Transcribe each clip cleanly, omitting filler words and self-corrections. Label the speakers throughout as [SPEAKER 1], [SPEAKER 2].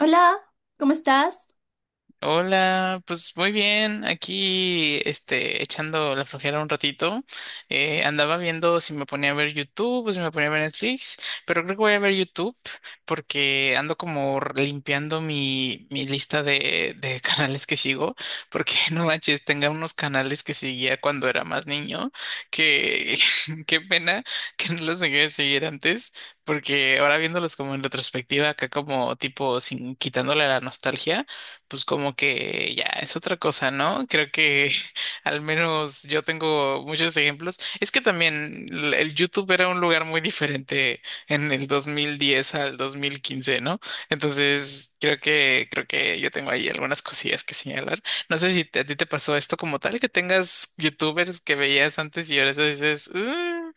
[SPEAKER 1] Hola, ¿cómo estás?
[SPEAKER 2] Hola, pues muy bien, aquí echando la flojera un ratito. Andaba viendo si me ponía a ver YouTube o si me ponía a ver Netflix, pero creo que voy a ver YouTube porque ando como limpiando mi lista de canales que sigo, porque no manches, tenga unos canales que seguía cuando era más niño, que qué pena que no los dejé de seguir antes. Porque ahora viéndolos como en retrospectiva, acá como tipo sin quitándole la nostalgia, pues como que ya es otra cosa, ¿no? Creo que al menos yo tengo muchos ejemplos. Es que también el YouTube era un lugar muy diferente en el 2010 al 2015, ¿no? Entonces, creo que yo tengo ahí algunas cosillas que señalar. No sé si a ti te pasó esto como tal, que tengas YouTubers que veías antes y ahora te dices,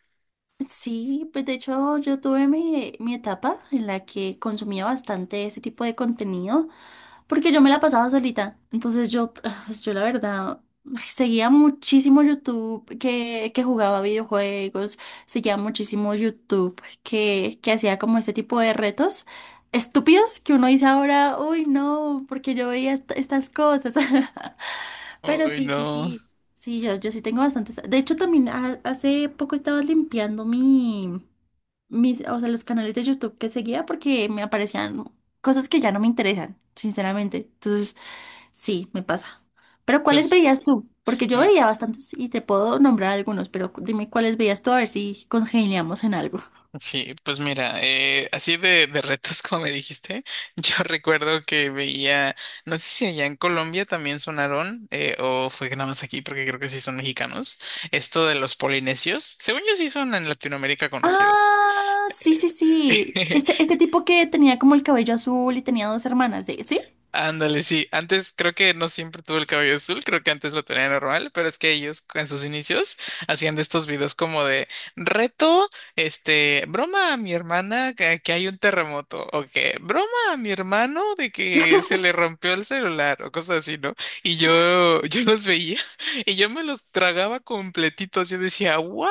[SPEAKER 1] Sí, pues de hecho yo tuve mi etapa en la que consumía bastante ese tipo de contenido, porque yo me la pasaba solita. Entonces yo, yo la verdad, seguía muchísimo YouTube que jugaba videojuegos, seguía muchísimo YouTube que hacía como este tipo de retos estúpidos que uno dice ahora, uy, no, porque yo veía estas cosas. Pero
[SPEAKER 2] ay,
[SPEAKER 1] sí, sí,
[SPEAKER 2] no."
[SPEAKER 1] sí. Sí, yo sí tengo bastantes. De hecho, también hace poco estaba limpiando mi mis, o sea, los canales de YouTube que seguía porque me aparecían cosas que ya no me interesan, sinceramente. Entonces, sí, me pasa. Pero ¿cuáles
[SPEAKER 2] Pues
[SPEAKER 1] veías tú? Porque yo veía bastantes y te puedo nombrar algunos, pero dime cuáles veías tú, a ver si congeniamos en algo.
[SPEAKER 2] sí, pues mira, así de retos como me dijiste, yo recuerdo que veía, no sé si allá en Colombia también sonaron, o fue que nada más aquí, porque creo que sí son mexicanos, esto de los polinesios, según yo sí son en Latinoamérica conocidos.
[SPEAKER 1] Ah, sí,
[SPEAKER 2] Eh,
[SPEAKER 1] sí, sí. Este tipo que tenía como el cabello azul y tenía dos hermanas, ¿sí? ¿Sí?
[SPEAKER 2] Ándale, sí. Antes creo que no siempre tuvo el cabello azul, creo que antes lo tenía normal, pero es que ellos en sus inicios hacían de estos videos como de reto, broma a mi hermana que hay un terremoto, o que broma a mi hermano de que se le rompió el celular, o cosas así, ¿no? Y yo, yo los veía y yo me los tragaba completitos. Yo decía, wow,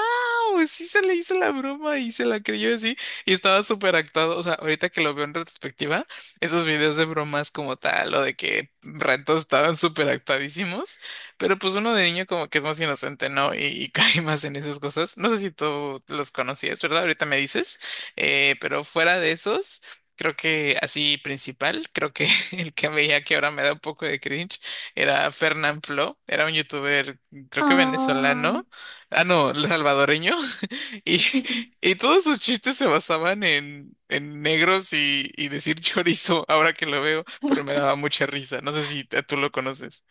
[SPEAKER 2] sí se le hizo la broma y se la creyó así, y estaba súper actuado. O sea, ahorita que lo veo en retrospectiva esos videos de bromas como tal, o de que retos estaban súper actuadísimos, pero pues uno de niño como que es más inocente, ¿no? Y cae más en esas cosas. No sé si tú los conocías, ¿verdad? Ahorita me dices, pero fuera de esos, creo que así principal, creo que el que veía que ahora me da un poco de cringe era Fernán Flo, era un youtuber, creo que
[SPEAKER 1] Ah,
[SPEAKER 2] venezolano, ah, no, salvadoreño. Y
[SPEAKER 1] sí, sí.
[SPEAKER 2] y todos sus chistes se basaban en negros y decir chorizo, ahora que lo veo, pero me daba mucha risa. No sé si tú lo conoces.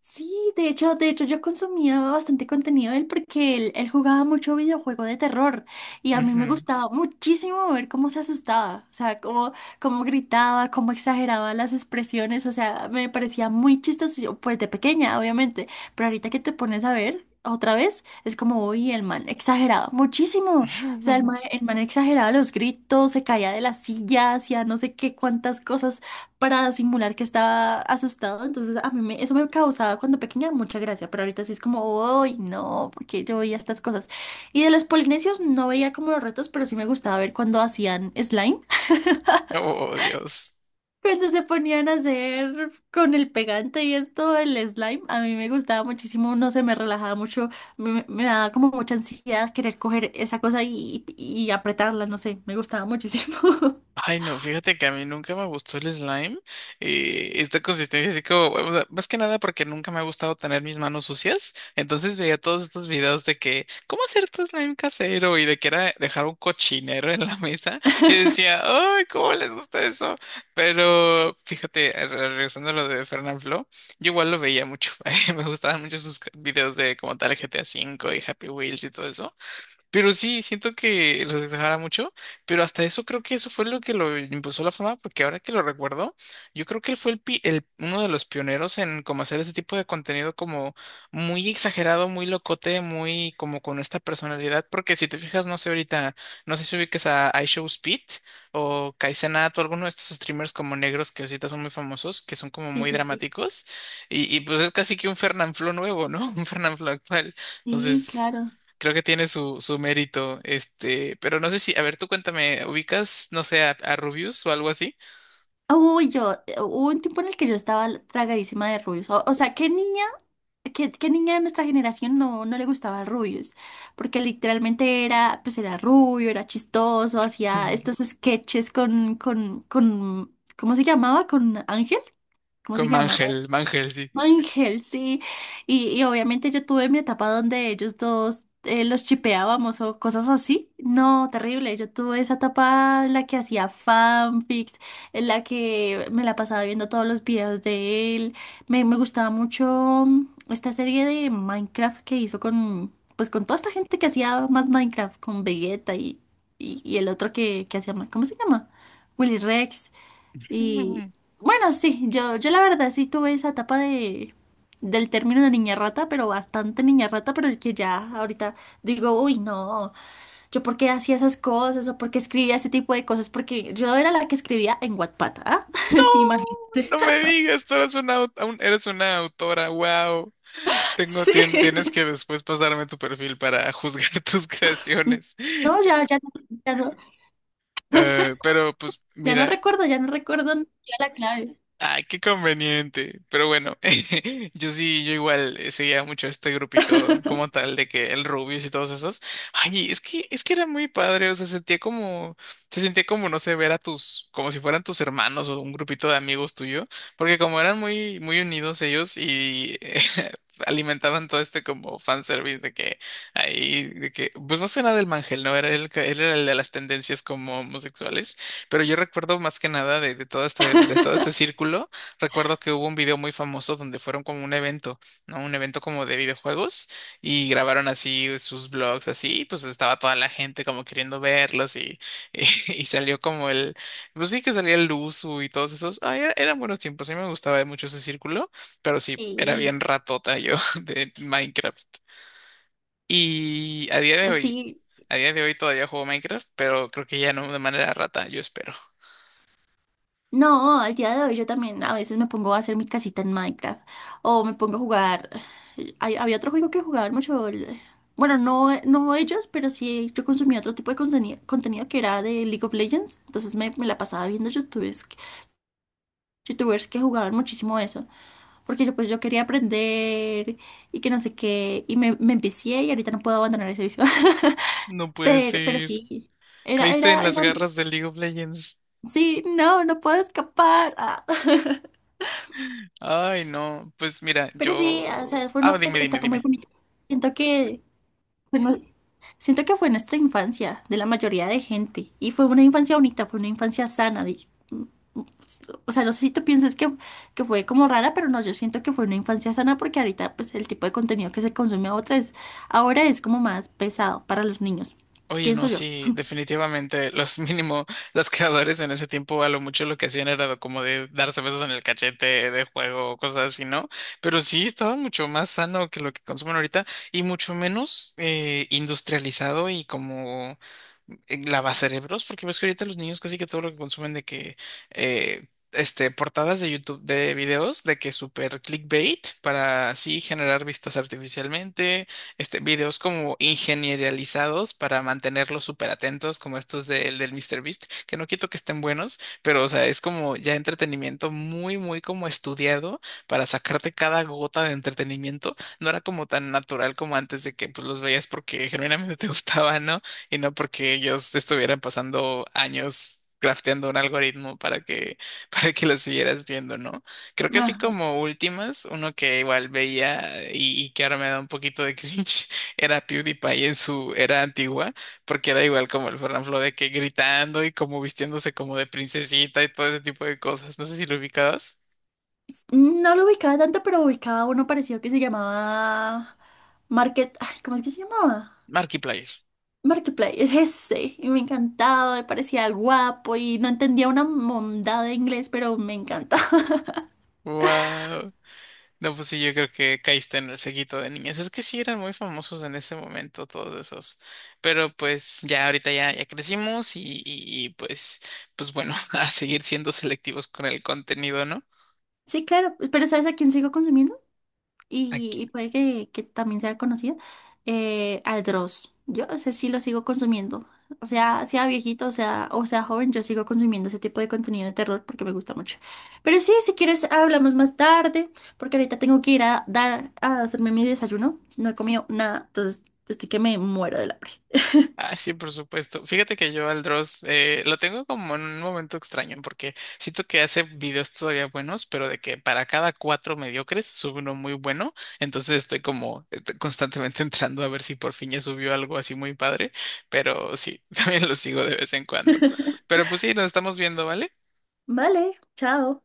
[SPEAKER 1] Sí, de hecho yo consumía bastante contenido de él porque él jugaba mucho videojuego de terror y a mí me
[SPEAKER 2] Ujú.
[SPEAKER 1] gustaba muchísimo ver cómo se asustaba, o sea, cómo, cómo gritaba, cómo exageraba las expresiones, o sea, me parecía muy chistoso, yo, pues de pequeña, obviamente, pero ahorita que te pones a ver otra vez, es como, uy, el man exageraba muchísimo, o sea, el man exageraba los gritos, se caía de las sillas, hacía no sé qué cuántas cosas para simular que estaba asustado. Entonces, a mí eso me causaba cuando pequeña mucha gracia, pero ahorita sí es como, ¡ay, no! Porque yo veía estas cosas. Y de los polinesios no veía como los retos, pero sí me gustaba ver cuando hacían slime.
[SPEAKER 2] Oh, Dios.
[SPEAKER 1] Cuando se ponían a hacer con el pegante y esto, el slime, a mí me gustaba muchísimo, no sé, me relajaba mucho, me daba como mucha ansiedad querer coger esa cosa y apretarla, no sé, me gustaba muchísimo.
[SPEAKER 2] Ay, no, fíjate que a mí nunca me gustó el slime. Esta consistencia así como, o sea, más que nada porque nunca me ha gustado tener mis manos sucias. Entonces veía todos estos videos de que, ¿cómo hacer tu slime casero? Y de que era dejar un cochinero en la mesa. Y decía, ay, ¿cómo les gusta eso? Pero fíjate, regresando a lo de Fernanfloo, yo igual lo veía mucho. Me gustaban mucho sus videos de como tal GTA 5 y Happy Wheels y todo eso. Pero sí, siento que los exagera mucho, pero hasta eso creo que eso fue lo que lo impulsó a la fama, porque ahora que lo recuerdo, yo creo que él fue uno de los pioneros en como hacer ese tipo de contenido como muy exagerado, muy locote, muy como con esta personalidad, porque si te fijas, no sé ahorita, no sé si ubiques a iShowSpeed o Kaizenat o alguno de estos streamers como negros que ahorita son muy famosos, que son como
[SPEAKER 1] Sí,
[SPEAKER 2] muy
[SPEAKER 1] sí, sí.
[SPEAKER 2] dramáticos, y pues es casi que un Fernanfloo nuevo, ¿no? Un Fernanfloo actual,
[SPEAKER 1] Sí,
[SPEAKER 2] entonces...
[SPEAKER 1] claro.
[SPEAKER 2] Creo que tiene su mérito, pero no sé si, a ver, tú cuéntame, ¿ubicas, no sé, a, Rubius o algo así?
[SPEAKER 1] Uy, yo, hubo un tiempo en el que yo estaba tragadísima de rubios. O sea, ¿qué niña, qué, qué niña de nuestra generación no, no le gustaba rubios? Porque literalmente era, pues era rubio, era chistoso, hacía estos sketches con, ¿cómo se llamaba? ¿Con Ángel? ¿Cómo se
[SPEAKER 2] Con
[SPEAKER 1] llamaba?
[SPEAKER 2] Mangel, Mangel, sí.
[SPEAKER 1] Ángel, sí. Y obviamente yo tuve mi etapa donde ellos dos los chipeábamos o cosas así. No, terrible. Yo tuve esa etapa en la que hacía fanfics, en la que me la pasaba viendo todos los videos de él. Me gustaba mucho esta serie de Minecraft que hizo con, pues con toda esta gente que hacía más Minecraft, con Vegeta y el otro que hacía, ¿cómo se llama? Willy Rex. Y
[SPEAKER 2] Mm.
[SPEAKER 1] bueno, sí, yo la verdad sí tuve esa etapa de, del término de niña rata, pero bastante niña rata, pero es que ya ahorita digo, uy, no, yo por qué hacía esas cosas o por qué escribía ese tipo de cosas, porque yo era la que escribía en Wattpad, ¿ah?
[SPEAKER 2] No,
[SPEAKER 1] Imagínate.
[SPEAKER 2] no me digas, tú eres eres una autora, wow. Tienes
[SPEAKER 1] Sí.
[SPEAKER 2] que después pasarme tu perfil para juzgar tus creaciones.
[SPEAKER 1] No, ya, ya, ya no,
[SPEAKER 2] Pero pues mira,
[SPEAKER 1] ya no recuerdo ni siquiera la clave.
[SPEAKER 2] ay, qué conveniente. Pero bueno, yo sí, yo igual seguía mucho este grupito como tal de que el Rubius y todos esos. Ay, es que era muy padre, o sea, sentía como se sentía como no sé, ver a tus como si fueran tus hermanos o un grupito de amigos tuyo, porque como eran muy muy unidos ellos y alimentaban todo este como fanservice de que ahí de que pues más que nada del Mangel, ¿no? Era él era el de las tendencias como homosexuales. Pero yo recuerdo más que nada de todo este círculo, recuerdo que hubo un video muy famoso donde fueron como un evento, ¿no? Un evento como de videojuegos y grabaron así sus vlogs, así, y pues estaba toda la gente como queriendo verlos y, salió como el, pues sí que salía el Luzu y todos esos, ah, eran buenos tiempos, a mí me gustaba mucho ese círculo, pero sí, era
[SPEAKER 1] Sí,
[SPEAKER 2] bien ratota yo de Minecraft. Y a día de hoy,
[SPEAKER 1] sí.
[SPEAKER 2] a día de hoy todavía juego Minecraft, pero creo que ya no de manera rata, yo espero.
[SPEAKER 1] No, al día de hoy yo también a veces me pongo a hacer mi casita en Minecraft o me pongo a jugar. Había otro juego que jugaban mucho. El bueno, no, no ellos, pero sí yo consumía otro tipo de contenido que era de League of Legends. Entonces me la pasaba viendo youtubers, youtubers que jugaban muchísimo eso. Porque yo, pues yo quería aprender y que no sé qué. Y me empecé y ahorita no puedo abandonar ese vicio.
[SPEAKER 2] No puede
[SPEAKER 1] Pero
[SPEAKER 2] ser.
[SPEAKER 1] sí, era,
[SPEAKER 2] Caíste en
[SPEAKER 1] era,
[SPEAKER 2] las
[SPEAKER 1] era.
[SPEAKER 2] garras de League of Legends.
[SPEAKER 1] Sí, no, no puedo escapar. Ah.
[SPEAKER 2] Ay, no. Pues mira,
[SPEAKER 1] Pero sí, o
[SPEAKER 2] yo.
[SPEAKER 1] sea, fue
[SPEAKER 2] Ah,
[SPEAKER 1] una
[SPEAKER 2] dime, dime,
[SPEAKER 1] etapa muy
[SPEAKER 2] dime.
[SPEAKER 1] bonita. Siento que, bueno, siento que fue nuestra infancia de la mayoría de gente y fue una infancia bonita, fue una infancia sana. O sea, no sé si tú piensas que fue como rara, pero no, yo siento que fue una infancia sana porque ahorita pues el tipo de contenido que se consume ahora es como más pesado para los niños,
[SPEAKER 2] Oye, no,
[SPEAKER 1] pienso yo.
[SPEAKER 2] sí, definitivamente los mínimo, los creadores en ese tiempo a lo mucho lo que hacían era como de darse besos en el cachete de juego, cosas así, ¿no? Pero sí, estaba mucho más sano que lo que consumen ahorita y mucho menos industrializado y como lavacerebros, porque ves que ahorita los niños casi que todo lo que consumen de que, portadas de YouTube de videos de que super clickbait para así generar vistas artificialmente videos como ingenierializados para mantenerlos súper atentos, como estos del míster Beast que no quito que estén buenos, pero o sea, es como ya entretenimiento muy, muy como estudiado para sacarte cada gota de entretenimiento. No era como tan natural como antes de que pues los veías porque genuinamente te gustaba, ¿no? Y no porque ellos estuvieran pasando años crafteando un algoritmo para que, para que lo siguieras viendo, ¿no? Creo que así
[SPEAKER 1] Ajá.
[SPEAKER 2] como últimas, uno que igual veía y que ahora me da un poquito de cringe, era PewDiePie en su era antigua, porque era igual como el Fernanfloo de que gritando y como vistiéndose como de princesita y todo ese tipo de cosas. No sé si lo ubicabas.
[SPEAKER 1] No lo ubicaba tanto, pero ubicaba uno parecido que se llamaba Market, ay, ¿cómo es que se llamaba?
[SPEAKER 2] Markiplier.
[SPEAKER 1] Markiplier, es ese, y me encantaba, me parecía guapo y no entendía una mondada de inglés, pero me encanta.
[SPEAKER 2] Wow. No, pues sí, yo creo que caíste en el seguito de niñas. Es que sí eran muy famosos en ese momento todos esos. Pero pues ya ahorita ya crecimos y pues bueno, a seguir siendo selectivos con el contenido, ¿no?
[SPEAKER 1] Sí, claro, pero ¿sabes a quién sigo consumiendo?
[SPEAKER 2] Aquí.
[SPEAKER 1] Y puede que también sea conocida, al Dross. Yo ese sí lo sigo consumiendo. O sea, sea viejito, o sea joven, yo sigo consumiendo ese tipo de contenido de terror porque me gusta mucho. Pero sí, si quieres, hablamos más tarde, porque ahorita tengo que ir a dar, a hacerme mi desayuno. No he comido nada, entonces estoy que me muero del hambre.
[SPEAKER 2] Ah, sí, por supuesto. Fíjate que yo al Dross lo tengo como en un momento extraño porque siento que hace videos todavía buenos, pero de que para cada cuatro mediocres sube uno muy bueno. Entonces estoy como constantemente entrando a ver si por fin ya subió algo así muy padre. Pero sí, también lo sigo de vez en cuando. Pero pues sí, nos estamos viendo, ¿vale?
[SPEAKER 1] Vale, chao.